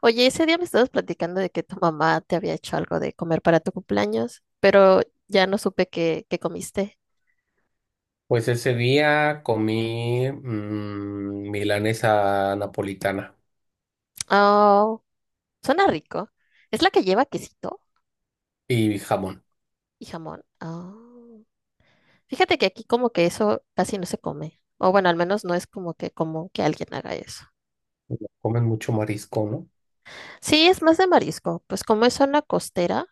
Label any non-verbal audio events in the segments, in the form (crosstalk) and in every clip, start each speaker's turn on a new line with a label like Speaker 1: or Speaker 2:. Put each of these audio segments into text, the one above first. Speaker 1: Oye, ese día me estabas platicando de que tu mamá te había hecho algo de comer para tu cumpleaños, pero ya no supe qué comiste.
Speaker 2: Pues ese día comí milanesa napolitana
Speaker 1: Oh, suena rico. ¿Es la que lleva quesito
Speaker 2: y jamón.
Speaker 1: y jamón? Oh. Fíjate que aquí como que eso casi no se come. O bueno, al menos no es como que común que alguien haga eso.
Speaker 2: Comen mucho marisco, ¿no?
Speaker 1: Sí, es más de marisco. Pues como es zona costera,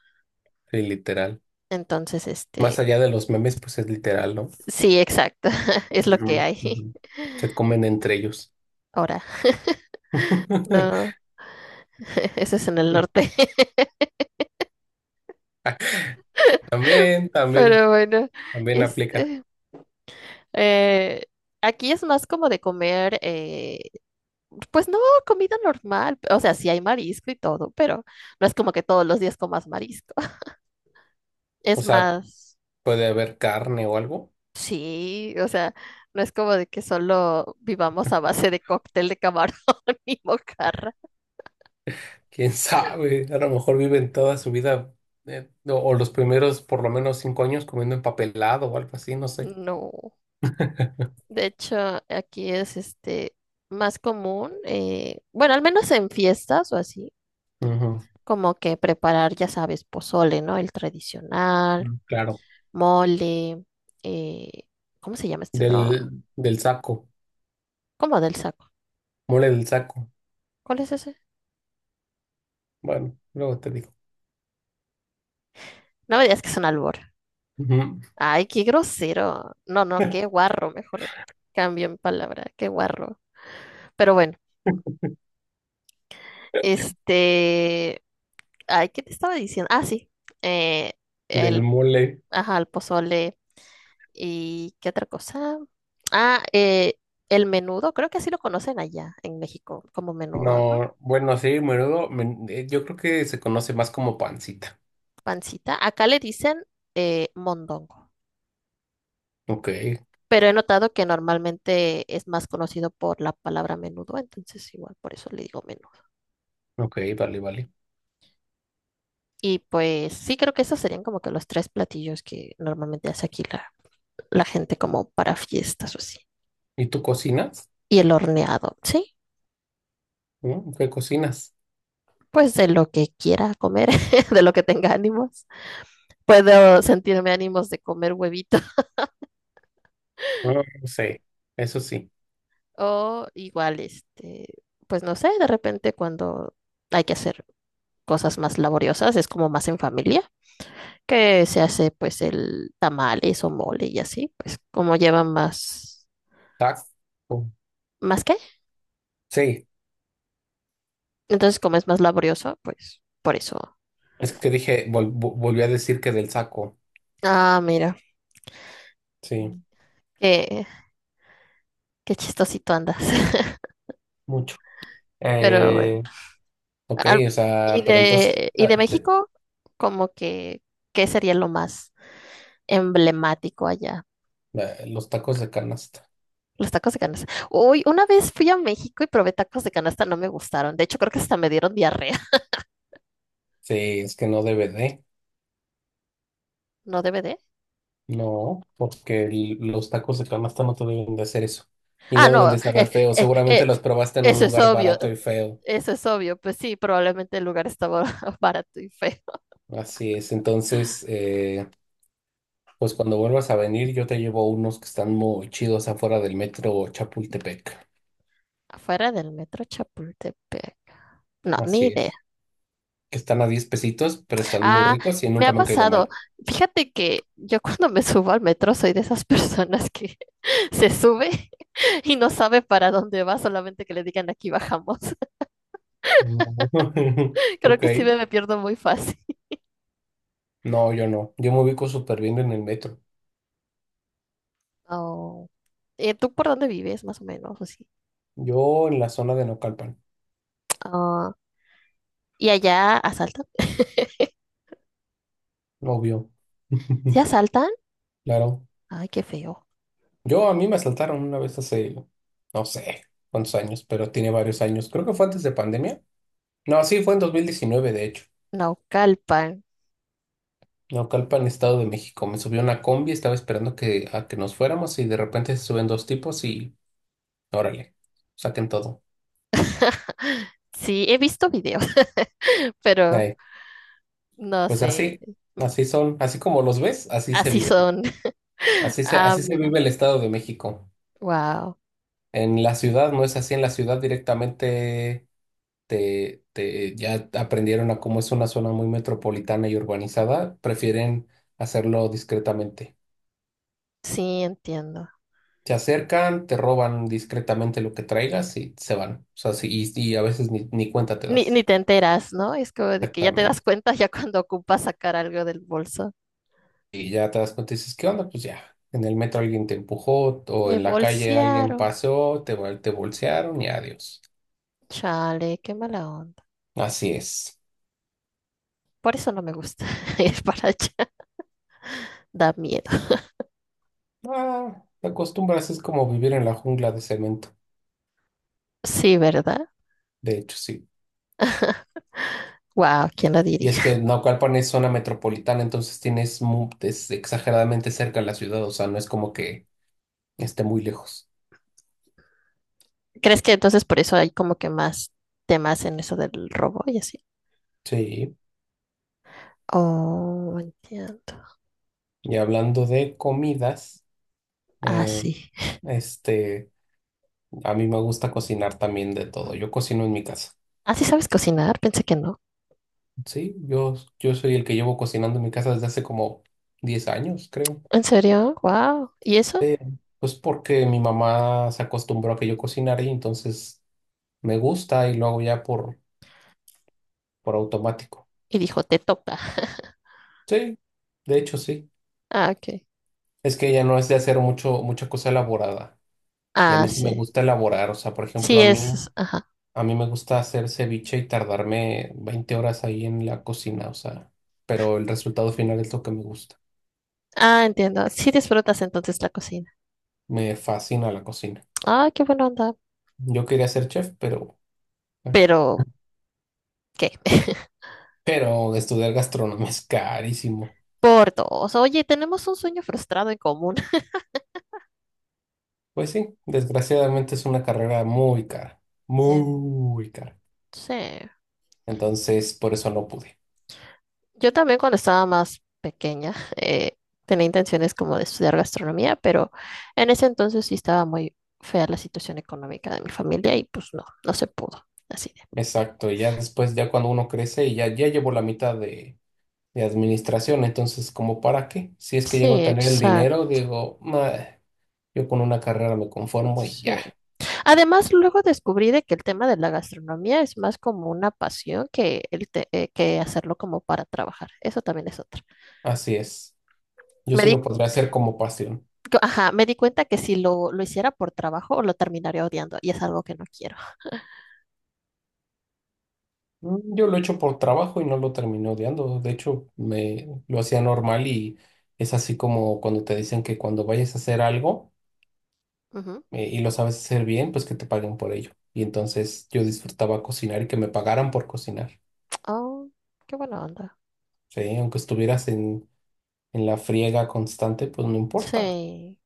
Speaker 2: Sí, literal.
Speaker 1: entonces
Speaker 2: Más allá de los memes, pues es literal, ¿no?
Speaker 1: sí, exacto, (laughs) es lo que
Speaker 2: Ujú,
Speaker 1: hay
Speaker 2: ujú. Se comen entre ellos.
Speaker 1: (laughs) ahora. No,
Speaker 2: (laughs)
Speaker 1: (laughs) eso es en el norte. (laughs)
Speaker 2: También, también,
Speaker 1: Pero bueno,
Speaker 2: también aplica.
Speaker 1: este, Eh, aquí es más como de comer, pues no, comida normal. O sea, sí hay marisco y todo, pero no es como que todos los días comas marisco. (laughs) Es
Speaker 2: O sea,
Speaker 1: más,
Speaker 2: puede haber carne o algo.
Speaker 1: sí, o sea, no es como de que solo vivamos a base de cóctel de camarón (laughs) y mojarra.
Speaker 2: Quién (laughs) sabe, a lo mejor viven toda su vida o los primeros por lo menos 5 años comiendo empapelado o algo así, no sé.
Speaker 1: No. De hecho, aquí es más común, bueno, al menos en fiestas o así,
Speaker 2: Ujú,
Speaker 1: como que preparar, ya sabes, pozole, ¿no? El tradicional
Speaker 2: mm, claro.
Speaker 1: mole, eh, ¿cómo se llama este otro?
Speaker 2: Del saco,
Speaker 1: ¿Cómo del saco?
Speaker 2: mole del saco.
Speaker 1: ¿Cuál es ese?
Speaker 2: Bueno, luego te digo.
Speaker 1: No me digas que es un albur.
Speaker 2: Ujú,
Speaker 1: Ay, qué grosero. No, no, qué guarro, mejor cambio en palabra, qué guarro. Pero bueno, este, ay, ¿qué te estaba diciendo? Ah, sí, eh,
Speaker 2: del
Speaker 1: el,
Speaker 2: mole.
Speaker 1: ajá, el pozole y qué otra cosa. Ah, el menudo, creo que así lo conocen allá en México como menudo, ¿no?
Speaker 2: No, bueno, sí, menudo. Yo creo que se conoce más como pancita.
Speaker 1: Pancita. Acá le dicen mondongo.
Speaker 2: Ok,
Speaker 1: Pero he notado que normalmente es más conocido por la palabra menudo, entonces igual por eso le digo menudo.
Speaker 2: ok, vale, vale.
Speaker 1: Y pues sí, creo que esos serían como que los tres platillos que normalmente hace aquí la gente como para fiestas o así.
Speaker 2: ¿Y tú cocinas?
Speaker 1: Y el horneado, sí,
Speaker 2: ¿Mm? ¿Qué cocinas?
Speaker 1: pues de lo que quiera comer, (laughs) de lo que tenga ánimos. Puedo sentirme ánimos de comer huevito (laughs)
Speaker 2: No, no sé, eso sí.
Speaker 1: o igual, pues no sé, de repente cuando hay que hacer cosas más laboriosas, es como más en familia que se hace pues el tamales o mole y así, pues como lleva más,
Speaker 2: Taco.
Speaker 1: ¿más qué?
Speaker 2: Sí,
Speaker 1: Entonces como es más laborioso, pues por eso.
Speaker 2: es que dije, volví a decir que del saco.
Speaker 1: Ah, mira,
Speaker 2: Sí,
Speaker 1: qué, qué chistosito andas. (laughs)
Speaker 2: mucho.
Speaker 1: Pero bueno,
Speaker 2: Eh, ok,
Speaker 1: al-
Speaker 2: o
Speaker 1: y
Speaker 2: sea, pero entonces,
Speaker 1: y
Speaker 2: ah,
Speaker 1: de México, como que, ¿qué sería lo más emblemático allá?
Speaker 2: los tacos de canasta.
Speaker 1: Los tacos de canasta. Uy, una vez fui a México y probé tacos de canasta, no me gustaron. De hecho, creo que hasta me dieron diarrea.
Speaker 2: Sí, es que no debe de.
Speaker 1: (laughs) ¿No debe de?
Speaker 2: No, porque los tacos de canasta no te deben de hacer eso. Y
Speaker 1: Ah,
Speaker 2: no
Speaker 1: no,
Speaker 2: deben de saber feo.
Speaker 1: eh,
Speaker 2: Seguramente
Speaker 1: eh,
Speaker 2: los probaste en un
Speaker 1: eso es
Speaker 2: lugar
Speaker 1: obvio.
Speaker 2: barato y feo.
Speaker 1: Eso es obvio, pues sí, probablemente el lugar estaba (laughs) barato y feo.
Speaker 2: Así es. Entonces, pues cuando vuelvas a venir, yo te llevo unos que están muy chidos afuera del metro Chapultepec.
Speaker 1: Afuera del metro Chapultepec. No, ni
Speaker 2: Así
Speaker 1: idea.
Speaker 2: es. Que están a 10 pesitos, pero están muy
Speaker 1: Ah,
Speaker 2: ricos y
Speaker 1: me ha
Speaker 2: nunca me han caído
Speaker 1: pasado.
Speaker 2: mal.
Speaker 1: Fíjate que yo cuando me subo al metro soy de esas personas que (laughs) se sube (laughs) y no sabe para dónde va, solamente que le digan aquí bajamos. (laughs)
Speaker 2: No. (laughs)
Speaker 1: Creo
Speaker 2: Ok.
Speaker 1: que sí me pierdo muy fácil.
Speaker 2: No, yo no. Yo me ubico súper bien en el metro.
Speaker 1: Oh. ¿Y tú por dónde vives, más o menos? ¿O sí?
Speaker 2: Yo en la zona de Naucalpan,
Speaker 1: Ah, ¿y allá asaltan?
Speaker 2: obvio.
Speaker 1: ¿Sí
Speaker 2: (laughs)
Speaker 1: asaltan?
Speaker 2: Claro.
Speaker 1: Ay, qué feo.
Speaker 2: Yo a mí me asaltaron una vez hace, no sé cuántos años, pero tiene varios años. Creo que fue antes de pandemia. No, sí, fue en 2019 de hecho.
Speaker 1: Naucalpan.
Speaker 2: Naucalpan, Estado de México. Me subió una combi, estaba esperando que, a que nos fuéramos y de repente se suben dos tipos y órale, saquen todo.
Speaker 1: (laughs) Sí, he visto videos, (laughs) pero
Speaker 2: Ahí.
Speaker 1: no
Speaker 2: Pues
Speaker 1: sé,
Speaker 2: así, así son, así como los ves, así se
Speaker 1: así
Speaker 2: viven.
Speaker 1: son. (laughs)
Speaker 2: Así se,
Speaker 1: Ah,
Speaker 2: así se
Speaker 1: mira,
Speaker 2: vive el Estado de México.
Speaker 1: wow,
Speaker 2: En la ciudad no es así, en la ciudad directamente. Ya aprendieron a cómo es una zona muy metropolitana y urbanizada, prefieren hacerlo discretamente.
Speaker 1: sí, entiendo.
Speaker 2: Te acercan, te roban discretamente lo que traigas y se van. O sea, sí, y a veces ni cuenta te das.
Speaker 1: Ni te enteras, ¿no? Es como de que ya te das
Speaker 2: Exactamente.
Speaker 1: cuenta ya cuando ocupas sacar algo del bolso.
Speaker 2: Y ya te das cuenta y dices, ¿qué onda? Pues ya, en el metro alguien te empujó o
Speaker 1: Me
Speaker 2: en la calle alguien
Speaker 1: bolsearon.
Speaker 2: pasó, te bolsearon y adiós.
Speaker 1: Chale, qué mala onda.
Speaker 2: Así es.
Speaker 1: Por eso no me gusta (laughs) ir para allá. (laughs) Da miedo.
Speaker 2: Ah, te acostumbras, es como vivir en la jungla de cemento.
Speaker 1: Sí, ¿verdad?
Speaker 2: De hecho, sí.
Speaker 1: (laughs) Wow, ¿quién lo
Speaker 2: Y es
Speaker 1: diría?
Speaker 2: que Naucalpan es zona metropolitana, entonces tienes es exageradamente cerca de la ciudad, o sea, no es como que esté muy lejos.
Speaker 1: ¿Crees que entonces por eso hay como que más temas en eso del robo y así?
Speaker 2: Sí.
Speaker 1: Oh, entiendo.
Speaker 2: Y hablando de comidas,
Speaker 1: Ah,
Speaker 2: eh,
Speaker 1: sí.
Speaker 2: este, a mí me gusta cocinar también de todo. Yo cocino en mi casa.
Speaker 1: ¿Ah, sí sabes cocinar? Pensé que no.
Speaker 2: Sí, yo soy el que llevo cocinando en mi casa desde hace como 10 años, creo.
Speaker 1: ¿En serio? ¡Wow! ¿Y eso?
Speaker 2: Pues porque mi mamá se acostumbró a que yo cocinara y entonces me gusta y lo hago ya por automático.
Speaker 1: Y dijo, te toca. (laughs)
Speaker 2: Sí, de hecho sí.
Speaker 1: Ah, ok.
Speaker 2: Es que ella no es de hacer mucha cosa elaborada. Y a
Speaker 1: Ah,
Speaker 2: mí sí me
Speaker 1: sí.
Speaker 2: gusta elaborar. O sea, por
Speaker 1: Sí,
Speaker 2: ejemplo, a mí,
Speaker 1: es. Ajá.
Speaker 2: a mí me gusta hacer ceviche y tardarme 20 horas ahí en la cocina. O sea, pero el resultado final es lo que me gusta.
Speaker 1: Ah, entiendo. Sí disfrutas entonces la cocina.
Speaker 2: Me fascina la cocina.
Speaker 1: Ah, qué buena onda.
Speaker 2: Yo quería ser chef, pero bueno.
Speaker 1: Pero, ¿qué? (laughs)
Speaker 2: Pero estudiar gastronomía es carísimo.
Speaker 1: Por dos. Oye, tenemos un sueño frustrado en común. (laughs)
Speaker 2: Pues sí, desgraciadamente es una carrera muy cara,
Speaker 1: En-
Speaker 2: muy cara.
Speaker 1: Sí.
Speaker 2: Entonces, por eso no pude.
Speaker 1: Yo también cuando estaba más pequeña (laughs) tenía intenciones como de estudiar gastronomía, pero en ese entonces sí estaba muy fea la situación económica de mi familia y pues no, no se pudo. Así.
Speaker 2: Exacto, y ya después, ya cuando uno crece y ya llevo la mitad de administración. Entonces, ¿como para qué? Si es que llego a
Speaker 1: Sí,
Speaker 2: tener el
Speaker 1: exacto.
Speaker 2: dinero, digo: "Nah, yo con una carrera me conformo y ya".
Speaker 1: Sí. Además, luego descubrí de que el tema de la gastronomía es más como una pasión que, que hacerlo como para trabajar. Eso también es otro.
Speaker 2: Así es. Yo
Speaker 1: Me
Speaker 2: sí
Speaker 1: di,
Speaker 2: lo podría hacer como pasión.
Speaker 1: ajá, me di cuenta que si lo hiciera por trabajo, lo terminaría odiando y es algo que no quiero.
Speaker 2: Yo lo he hecho por trabajo y no lo terminé odiando. De hecho, me lo hacía normal y es así como cuando te dicen que cuando vayas a hacer algo
Speaker 1: Ujú.
Speaker 2: y lo sabes hacer bien, pues que te paguen por ello. Y entonces yo disfrutaba cocinar y que me pagaran por cocinar.
Speaker 1: Oh, qué buena onda.
Speaker 2: Sí, aunque estuvieras en la friega constante, pues no importa.
Speaker 1: Sí.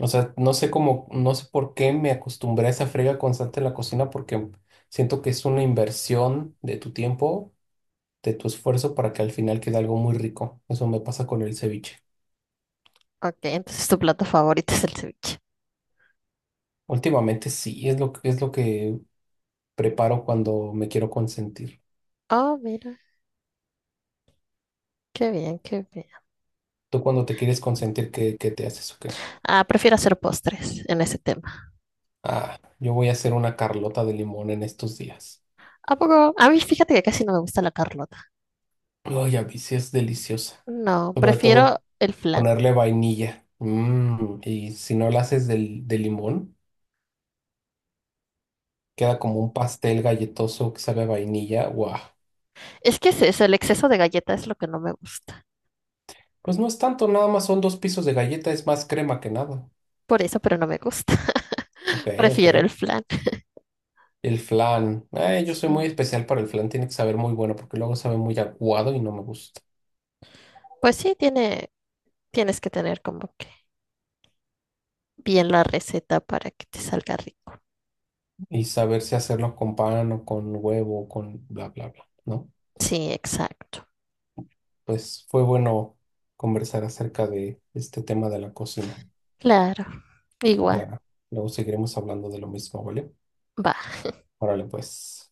Speaker 2: O sea, no sé cómo, no sé por qué me acostumbré a esa frega constante en la cocina porque siento que es una inversión de tu tiempo, de tu esfuerzo para que al final quede algo muy rico. Eso me pasa con el ceviche.
Speaker 1: Ok, entonces tu plato favorito es el ceviche.
Speaker 2: Últimamente sí, es lo que preparo cuando me quiero consentir.
Speaker 1: Oh, mira. Qué bien, qué bien.
Speaker 2: Tú cuando te quieres consentir, ¿qué te haces o qué?
Speaker 1: Ah, prefiero hacer postres en ese tema.
Speaker 2: Ah, yo voy a hacer una carlota de limón en estos días.
Speaker 1: ¿A poco? A mí, fíjate que casi no me gusta la Carlota.
Speaker 2: Ay, a mí sí es deliciosa.
Speaker 1: No,
Speaker 2: Sobre todo
Speaker 1: prefiero el flan.
Speaker 2: ponerle vainilla. Y si no la haces del de limón, queda como un pastel galletoso que sabe a vainilla. ¡Guau!
Speaker 1: Es que es eso, el exceso de galleta es lo que no me gusta.
Speaker 2: Pues no es tanto, nada más son dos pisos de galleta, es más crema que nada.
Speaker 1: Por eso, pero no me gusta.
Speaker 2: Ok,
Speaker 1: (laughs)
Speaker 2: ok.
Speaker 1: Prefiero el flan.
Speaker 2: El flan. Yo soy muy
Speaker 1: Sí.
Speaker 2: especial para el flan, tiene que saber muy bueno porque luego sabe muy aguado y no me gusta.
Speaker 1: Pues sí, tienes que tener como que bien la receta para que te salga rico.
Speaker 2: Y saber si hacerlo con pan o con huevo o con bla, bla, bla, ¿no?
Speaker 1: Sí, exacto.
Speaker 2: Pues fue bueno conversar acerca de este tema de la cocina.
Speaker 1: Claro. Igual.
Speaker 2: Ya, luego seguiremos hablando de lo mismo, ¿vale?
Speaker 1: Va.
Speaker 2: Órale, pues.